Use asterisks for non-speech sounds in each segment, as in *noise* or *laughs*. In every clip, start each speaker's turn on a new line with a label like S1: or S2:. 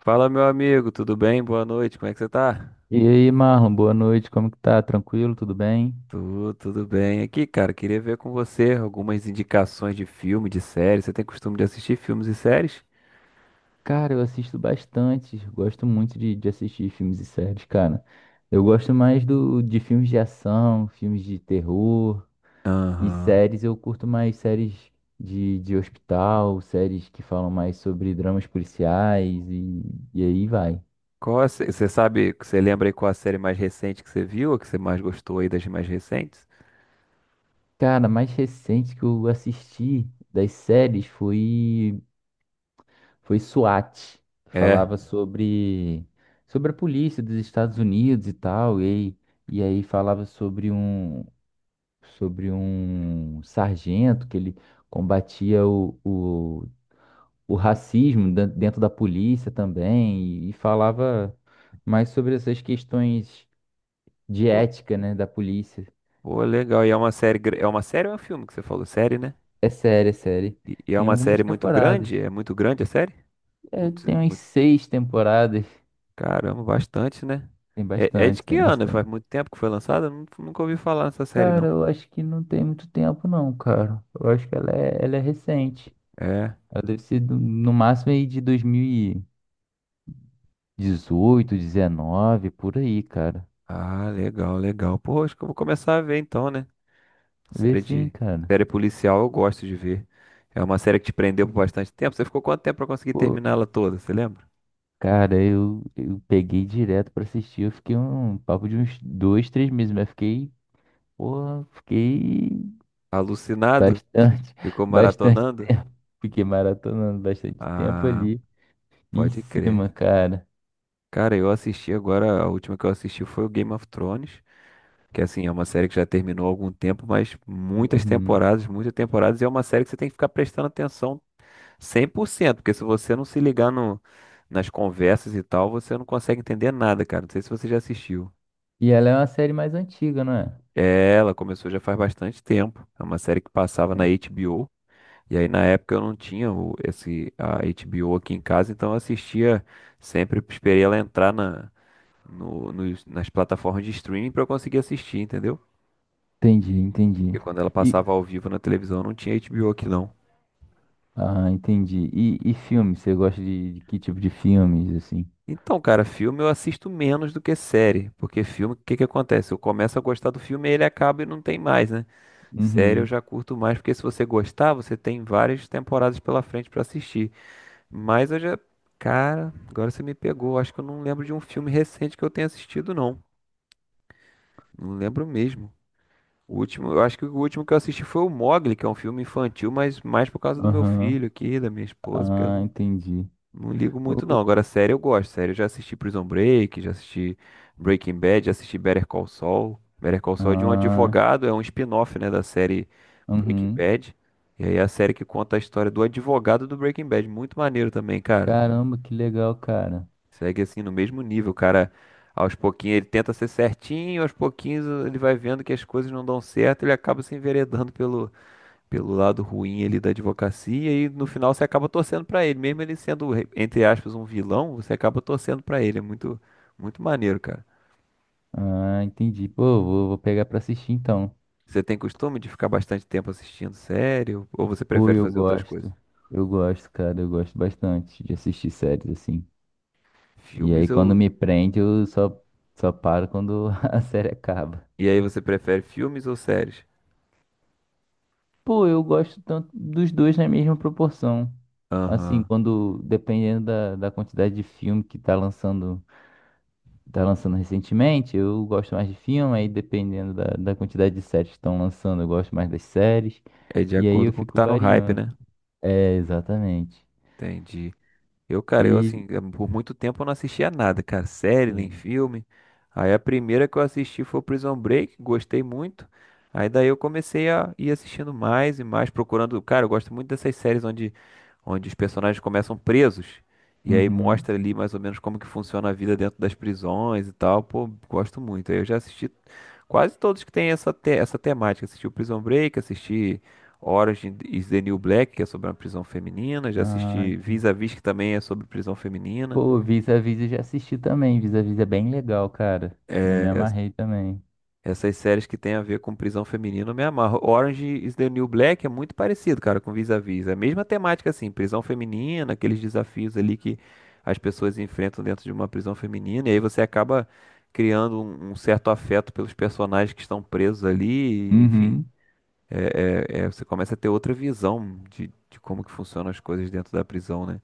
S1: Fala, meu amigo, tudo bem? Boa noite, como é que você tá?
S2: E aí, Marlon, boa noite, como que tá? Tranquilo? Tudo bem?
S1: Tudo bem. Aqui, cara, queria ver com você algumas indicações de filme, de série. Você tem costume de assistir filmes e séries?
S2: Cara, eu assisto bastante, gosto muito de assistir filmes e séries, cara. Eu gosto mais de filmes de ação, filmes de terror e
S1: Aham.
S2: séries, eu curto mais séries de hospital, séries que falam mais sobre dramas policiais e aí vai.
S1: Você sabe, você lembra aí qual a série mais recente que você viu, ou que você mais gostou aí das mais recentes?
S2: Cara, a mais recente que eu assisti das séries foi SWAT, que
S1: É.
S2: falava sobre a polícia dos Estados Unidos e tal, e aí falava sobre sobre um sargento que ele combatia o racismo dentro da polícia também, e falava mais sobre essas questões de
S1: Pô,
S2: ética, né, da polícia.
S1: pô, legal. E é uma série, é uma série ou é um filme que você falou? Série, né?
S2: É série, é série.
S1: E é
S2: Tem
S1: uma
S2: algumas
S1: série muito grande?
S2: temporadas.
S1: É muito grande a série?
S2: É, tem umas seis temporadas.
S1: Caramba, bastante, né?
S2: Tem
S1: É, é de
S2: bastante,
S1: que
S2: tem
S1: ano?
S2: bastante.
S1: Faz muito tempo que foi lançada? Nunca ouvi falar nessa série,
S2: Cara,
S1: não.
S2: eu acho que não tem muito tempo, não, cara. Eu acho que ela é recente.
S1: É.
S2: Ela deve ser no máximo aí de dois mil e dezoito, dezenove, por aí, cara.
S1: Ah, legal, legal. Pô, acho que eu vou começar a ver então, né?
S2: Vê
S1: Série
S2: sim,
S1: de.
S2: cara.
S1: Série policial eu gosto de ver. É uma série que te prendeu por bastante tempo. Você ficou quanto tempo pra conseguir
S2: Pô,
S1: terminar ela toda, você lembra?
S2: cara, eu peguei direto pra assistir. Eu fiquei um papo de uns dois, três meses, mas fiquei, porra, fiquei
S1: Alucinado?
S2: bastante,
S1: Ficou
S2: *laughs* bastante.
S1: maratonando?
S2: Fiquei maratonando bastante tempo
S1: Ah,
S2: ali em
S1: pode
S2: cima,
S1: crer.
S2: cara.
S1: Cara, eu assisti agora, a última que eu assisti foi o Game of Thrones. Que assim, é uma série que já terminou há algum tempo, mas
S2: Uhum.
S1: muitas temporadas, e é uma série que você tem que ficar prestando atenção 100%, porque se você não se ligar no, nas conversas e tal, você não consegue entender nada, cara. Não sei se você já assistiu.
S2: E ela é uma série mais antiga, não é?
S1: É, ela começou já faz bastante tempo. É uma série que passava na HBO. E aí na época eu não tinha esse a HBO aqui em casa, então eu assistia sempre, esperei ela entrar na, no, nos- nas plataformas de streaming para eu conseguir assistir, entendeu?
S2: Entendi, entendi.
S1: Porque quando ela
S2: E,
S1: passava ao vivo na televisão não tinha HBO aqui não.
S2: ah, entendi. E filme? Você gosta de que tipo de filmes, assim?
S1: Então, cara, filme eu assisto menos do que série. Porque filme, o que que acontece? Eu começo a gostar do filme e ele acaba e não tem mais, né? Série eu
S2: Uhum.
S1: já curto mais, porque se você gostar, você tem várias temporadas pela frente pra assistir. Mas eu já. Cara, agora você me pegou. Acho que eu não lembro de um filme recente que eu tenha assistido, não. Não lembro mesmo. O último, eu acho que o último que eu assisti foi o Mogli, que é um filme infantil, mas mais por causa do meu
S2: Aham.
S1: filho aqui, da minha esposa, porque eu
S2: Ah,
S1: não
S2: entendi.
S1: não ligo muito, não.
S2: O-
S1: Agora, série eu gosto. Série eu já assisti Prison Break, já assisti Breaking Bad, já assisti Better Call Saul. Better Call Saul é de um
S2: Ah,
S1: advogado, é um spin-off, né, da série Breaking
S2: uhum.
S1: Bad. E aí é a série que conta a história do advogado do Breaking Bad. Muito maneiro também, cara.
S2: Caramba, que legal, cara.
S1: Segue assim no mesmo nível, o cara. Aos pouquinhos ele tenta ser certinho, aos pouquinhos ele vai vendo que as coisas não dão certo, ele acaba se enveredando pelo lado ruim ali da advocacia e no final você acaba torcendo pra ele, mesmo ele sendo, entre aspas, um vilão, você acaba torcendo pra ele. É muito, muito maneiro, cara.
S2: Ah, entendi. Pô, vou pegar pra assistir então.
S1: Você tem costume de ficar bastante tempo assistindo série ou você
S2: Pô,
S1: prefere
S2: eu
S1: fazer outras coisas?
S2: gosto. Eu gosto, cara. Eu gosto bastante de assistir séries assim. E aí,
S1: Filmes
S2: quando
S1: ou.
S2: me prende, só paro quando *laughs* a série acaba.
S1: E aí você prefere filmes ou séries?
S2: Pô, eu gosto tanto dos dois na mesma proporção. Assim,
S1: Aham.
S2: quando, dependendo da quantidade de filme que tá lançando recentemente, eu gosto mais de filme, aí dependendo da quantidade de séries que estão lançando, eu gosto mais das séries.
S1: É de
S2: E aí
S1: acordo
S2: eu
S1: com o que
S2: fico
S1: tá no hype,
S2: variando.
S1: né?
S2: É, exatamente.
S1: Entendi. Cara, eu
S2: E,
S1: assim, por muito tempo eu não assistia nada, cara, série nem
S2: sim.
S1: filme. Aí a primeira que eu assisti foi o Prison Break, gostei muito. Aí daí eu comecei a ir assistindo mais e mais, procurando. Cara, eu gosto muito dessas séries onde os personagens começam presos. E aí
S2: Uhum.
S1: mostra ali mais ou menos como que funciona a vida dentro das prisões e tal. Pô, gosto muito. Aí eu já assisti quase todos que tem essa temática. Assisti o Prison Break, assisti Orange is the New Black, que é sobre uma prisão feminina. Já
S2: Ah,
S1: assisti
S2: entendi.
S1: Vis-a-Vis, que também é sobre prisão feminina.
S2: Pô, Vis-a-Vis eu já assisti também. Vis-a-Vis é bem legal, cara. Eu
S1: É,
S2: me
S1: es-
S2: amarrei também.
S1: essas séries que tem a ver com prisão feminina, eu me amarro. Orange is the New Black é muito parecido, cara, com Vis-a-Vis. É a mesma temática, assim, prisão feminina, aqueles desafios ali que as pessoas enfrentam dentro de uma prisão feminina. E aí você acaba criando um certo afeto pelos personagens que estão presos ali, e, enfim.
S2: Uhum.
S1: Você começa a ter outra visão de como que funcionam as coisas dentro da prisão, né?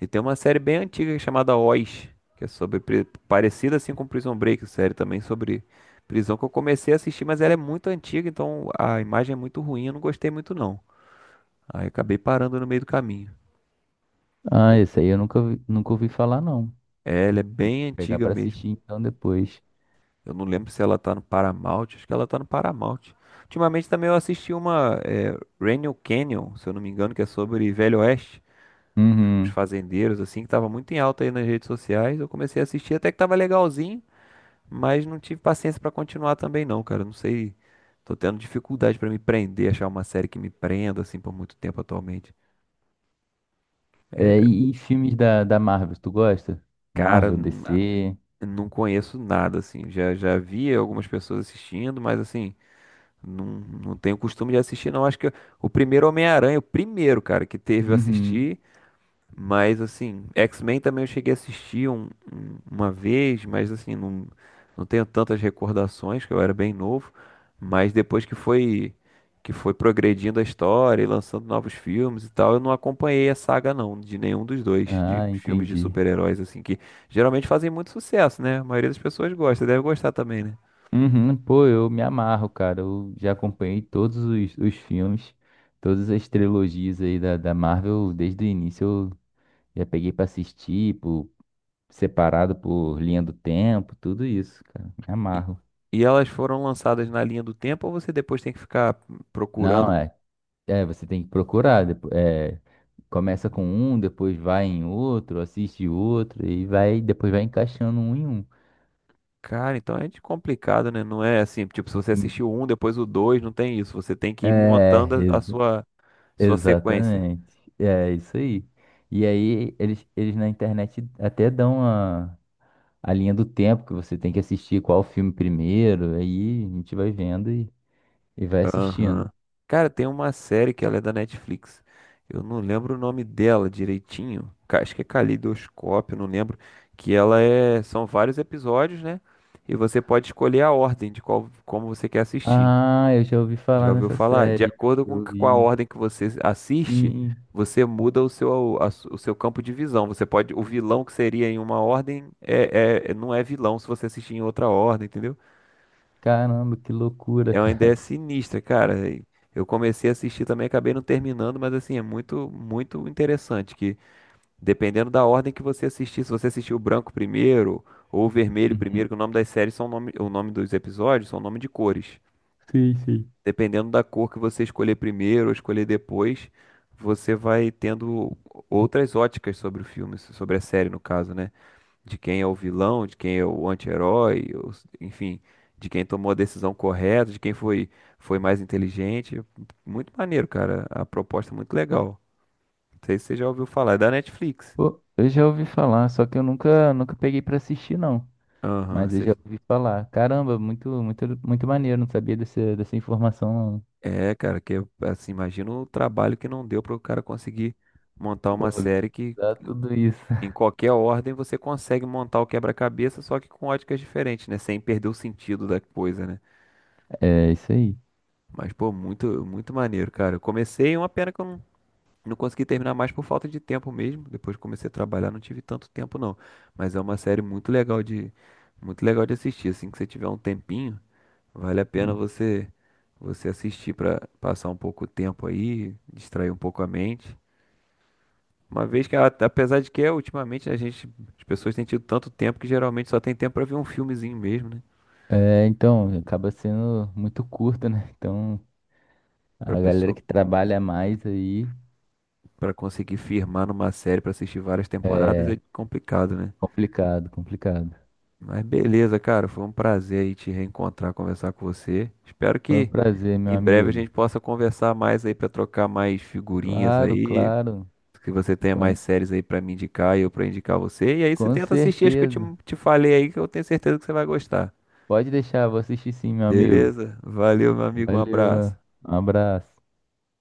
S1: E tem uma série bem antiga chamada Oz, que é sobre parecida assim com Prison Break, série também sobre prisão que eu comecei a assistir, mas ela é muito antiga, então a imagem é muito ruim, eu não gostei muito não. Aí acabei parando no meio do caminho.
S2: Ah, esse aí eu nunca, nunca ouvi falar, não.
S1: É, ela é bem
S2: Pegar
S1: antiga
S2: pra
S1: mesmo.
S2: assistir então depois.
S1: Eu não lembro se ela tá no Paramount, acho que ela tá no Paramount. Ultimamente também eu assisti uma Rental Canyon, se eu não me engano, que é sobre Velho Oeste, os
S2: Uhum.
S1: fazendeiros assim, que tava muito em alta aí nas redes sociais. Eu comecei a assistir até que tava legalzinho. Mas não tive paciência pra continuar também não, cara. Não sei, tô tendo dificuldade pra me prender, achar uma série que me prenda assim por muito tempo atualmente.
S2: É, e filmes da Marvel, tu gosta?
S1: Cara,
S2: Marvel, DC.
S1: não conheço nada assim. Já vi algumas pessoas assistindo, mas assim, não tenho costume de assistir não. Acho que o primeiro Homem-Aranha, o primeiro, cara, que teve eu
S2: Uhum.
S1: assisti. Mas assim, X-Men também eu cheguei a assistir uma vez, mas assim, não, não tenho tantas recordações, que eu era bem novo, mas depois que foi progredindo a história e lançando novos filmes e tal, eu não acompanhei a saga não, de nenhum dos dois, de
S2: Ah,
S1: filmes de
S2: entendi.
S1: super-heróis assim que geralmente fazem muito sucesso, né? A maioria das pessoas gosta, deve gostar também, né?
S2: Uhum. Pô, eu me amarro, cara. Eu já acompanhei todos os filmes, todas as trilogias aí da Marvel, desde o início eu já peguei pra assistir, por, separado por linha do tempo, tudo isso, cara. Me
S1: E,
S2: amarro.
S1: e elas foram lançadas na linha do tempo ou você depois tem que ficar procurando?
S2: Não, é. É, você tem que procurar. É, começa com um, depois vai em outro, assiste outro e vai, depois vai encaixando um em um.
S1: Cara, então é de complicado, né? Não é assim, tipo, se você
S2: Hum.
S1: assistiu um, depois o dois, não tem isso. Você tem que ir
S2: É,
S1: montando a
S2: exa-
S1: sua, sua sequência.
S2: exatamente. É isso aí. E aí eles na internet até dão a linha do tempo que você tem que assistir qual filme primeiro. Aí a gente vai vendo e vai assistindo.
S1: Aham. Cara, tem uma série que ela é da Netflix. Eu não lembro o nome dela direitinho. Acho que é Caleidoscópio, não lembro. Que ela é. São vários episódios, né? E você pode escolher a ordem de qual, como você quer assistir.
S2: Ah, eu já ouvi
S1: Já
S2: falar
S1: ouviu
S2: nessa
S1: falar? De
S2: série.
S1: acordo
S2: Eu
S1: com a
S2: vi.
S1: ordem que você assiste,
S2: Sim.
S1: você muda o seu, o seu campo de visão. Você pode, o vilão que seria em uma ordem não é vilão se você assistir em outra ordem, entendeu?
S2: Caramba, que loucura,
S1: É uma ideia
S2: cara.
S1: sinistra, cara. E eu comecei a assistir também, acabei não terminando, mas assim, é muito, muito interessante que dependendo da ordem que você assistir, se você assistir o branco primeiro ou o vermelho
S2: Uhum.
S1: primeiro, que o nome das séries são nome, o nome dos episódios são nome de cores.
S2: Sim, sim.
S1: Dependendo da cor que você escolher primeiro ou escolher depois, você vai tendo outras óticas sobre o filme, sobre a série, no caso, né? De quem é o vilão, de quem é o anti-herói, ou enfim, de quem tomou a decisão correta, de quem foi, foi mais inteligente. Muito maneiro, cara. A proposta é muito legal. Não sei se você já ouviu falar, é da Netflix.
S2: Pô, eu já ouvi falar, só que eu nunca, nunca peguei pra assistir, não.
S1: Aham,
S2: Mas eu já ouvi falar. Caramba, muito, muito, muito maneiro, não sabia dessa informação, não.
S1: é, cara, que assim, imagina o trabalho que não deu para o cara conseguir montar
S2: Pô,
S1: uma série que
S2: organizar tudo isso.
S1: em
S2: *laughs*
S1: qualquer ordem você consegue montar o quebra-cabeça, só que com óticas diferentes, né? Sem perder o sentido da coisa, né?
S2: É, isso aí.
S1: Mas, pô, muito, muito maneiro, cara. Eu comecei, uma pena que eu não consegui terminar mais por falta de tempo mesmo. Depois que comecei a trabalhar, não tive tanto tempo, não. Mas é uma série muito legal muito legal de assistir. Assim que você tiver um tempinho, vale a pena você assistir pra passar um pouco o tempo aí, distrair um pouco a mente. Uma vez que, apesar de que é, ultimamente as pessoas têm tido tanto tempo que geralmente só tem tempo pra ver um filmezinho mesmo, né?
S2: É, então, acaba sendo muito curto, né? Então,
S1: Pra
S2: a galera
S1: pessoa,
S2: que trabalha mais aí
S1: pra conseguir firmar numa série pra assistir várias temporadas
S2: é
S1: é complicado, né?
S2: complicado, complicado.
S1: Mas beleza, cara, foi um prazer aí te reencontrar, conversar com você. Espero
S2: Foi um
S1: que
S2: prazer, meu
S1: em breve a
S2: amigo.
S1: gente possa conversar mais aí pra trocar mais figurinhas
S2: Claro,
S1: aí,
S2: claro.
S1: que você tenha
S2: Com,
S1: mais séries aí pra me indicar e eu pra indicar você. E aí você
S2: com
S1: tenta assistir as que
S2: certeza.
S1: te falei aí, que eu tenho certeza que você vai gostar.
S2: Pode deixar, vou assistir sim, meu amigo.
S1: Beleza? Valeu, meu amigo, um
S2: Valeu, meu.
S1: abraço.
S2: Um abraço.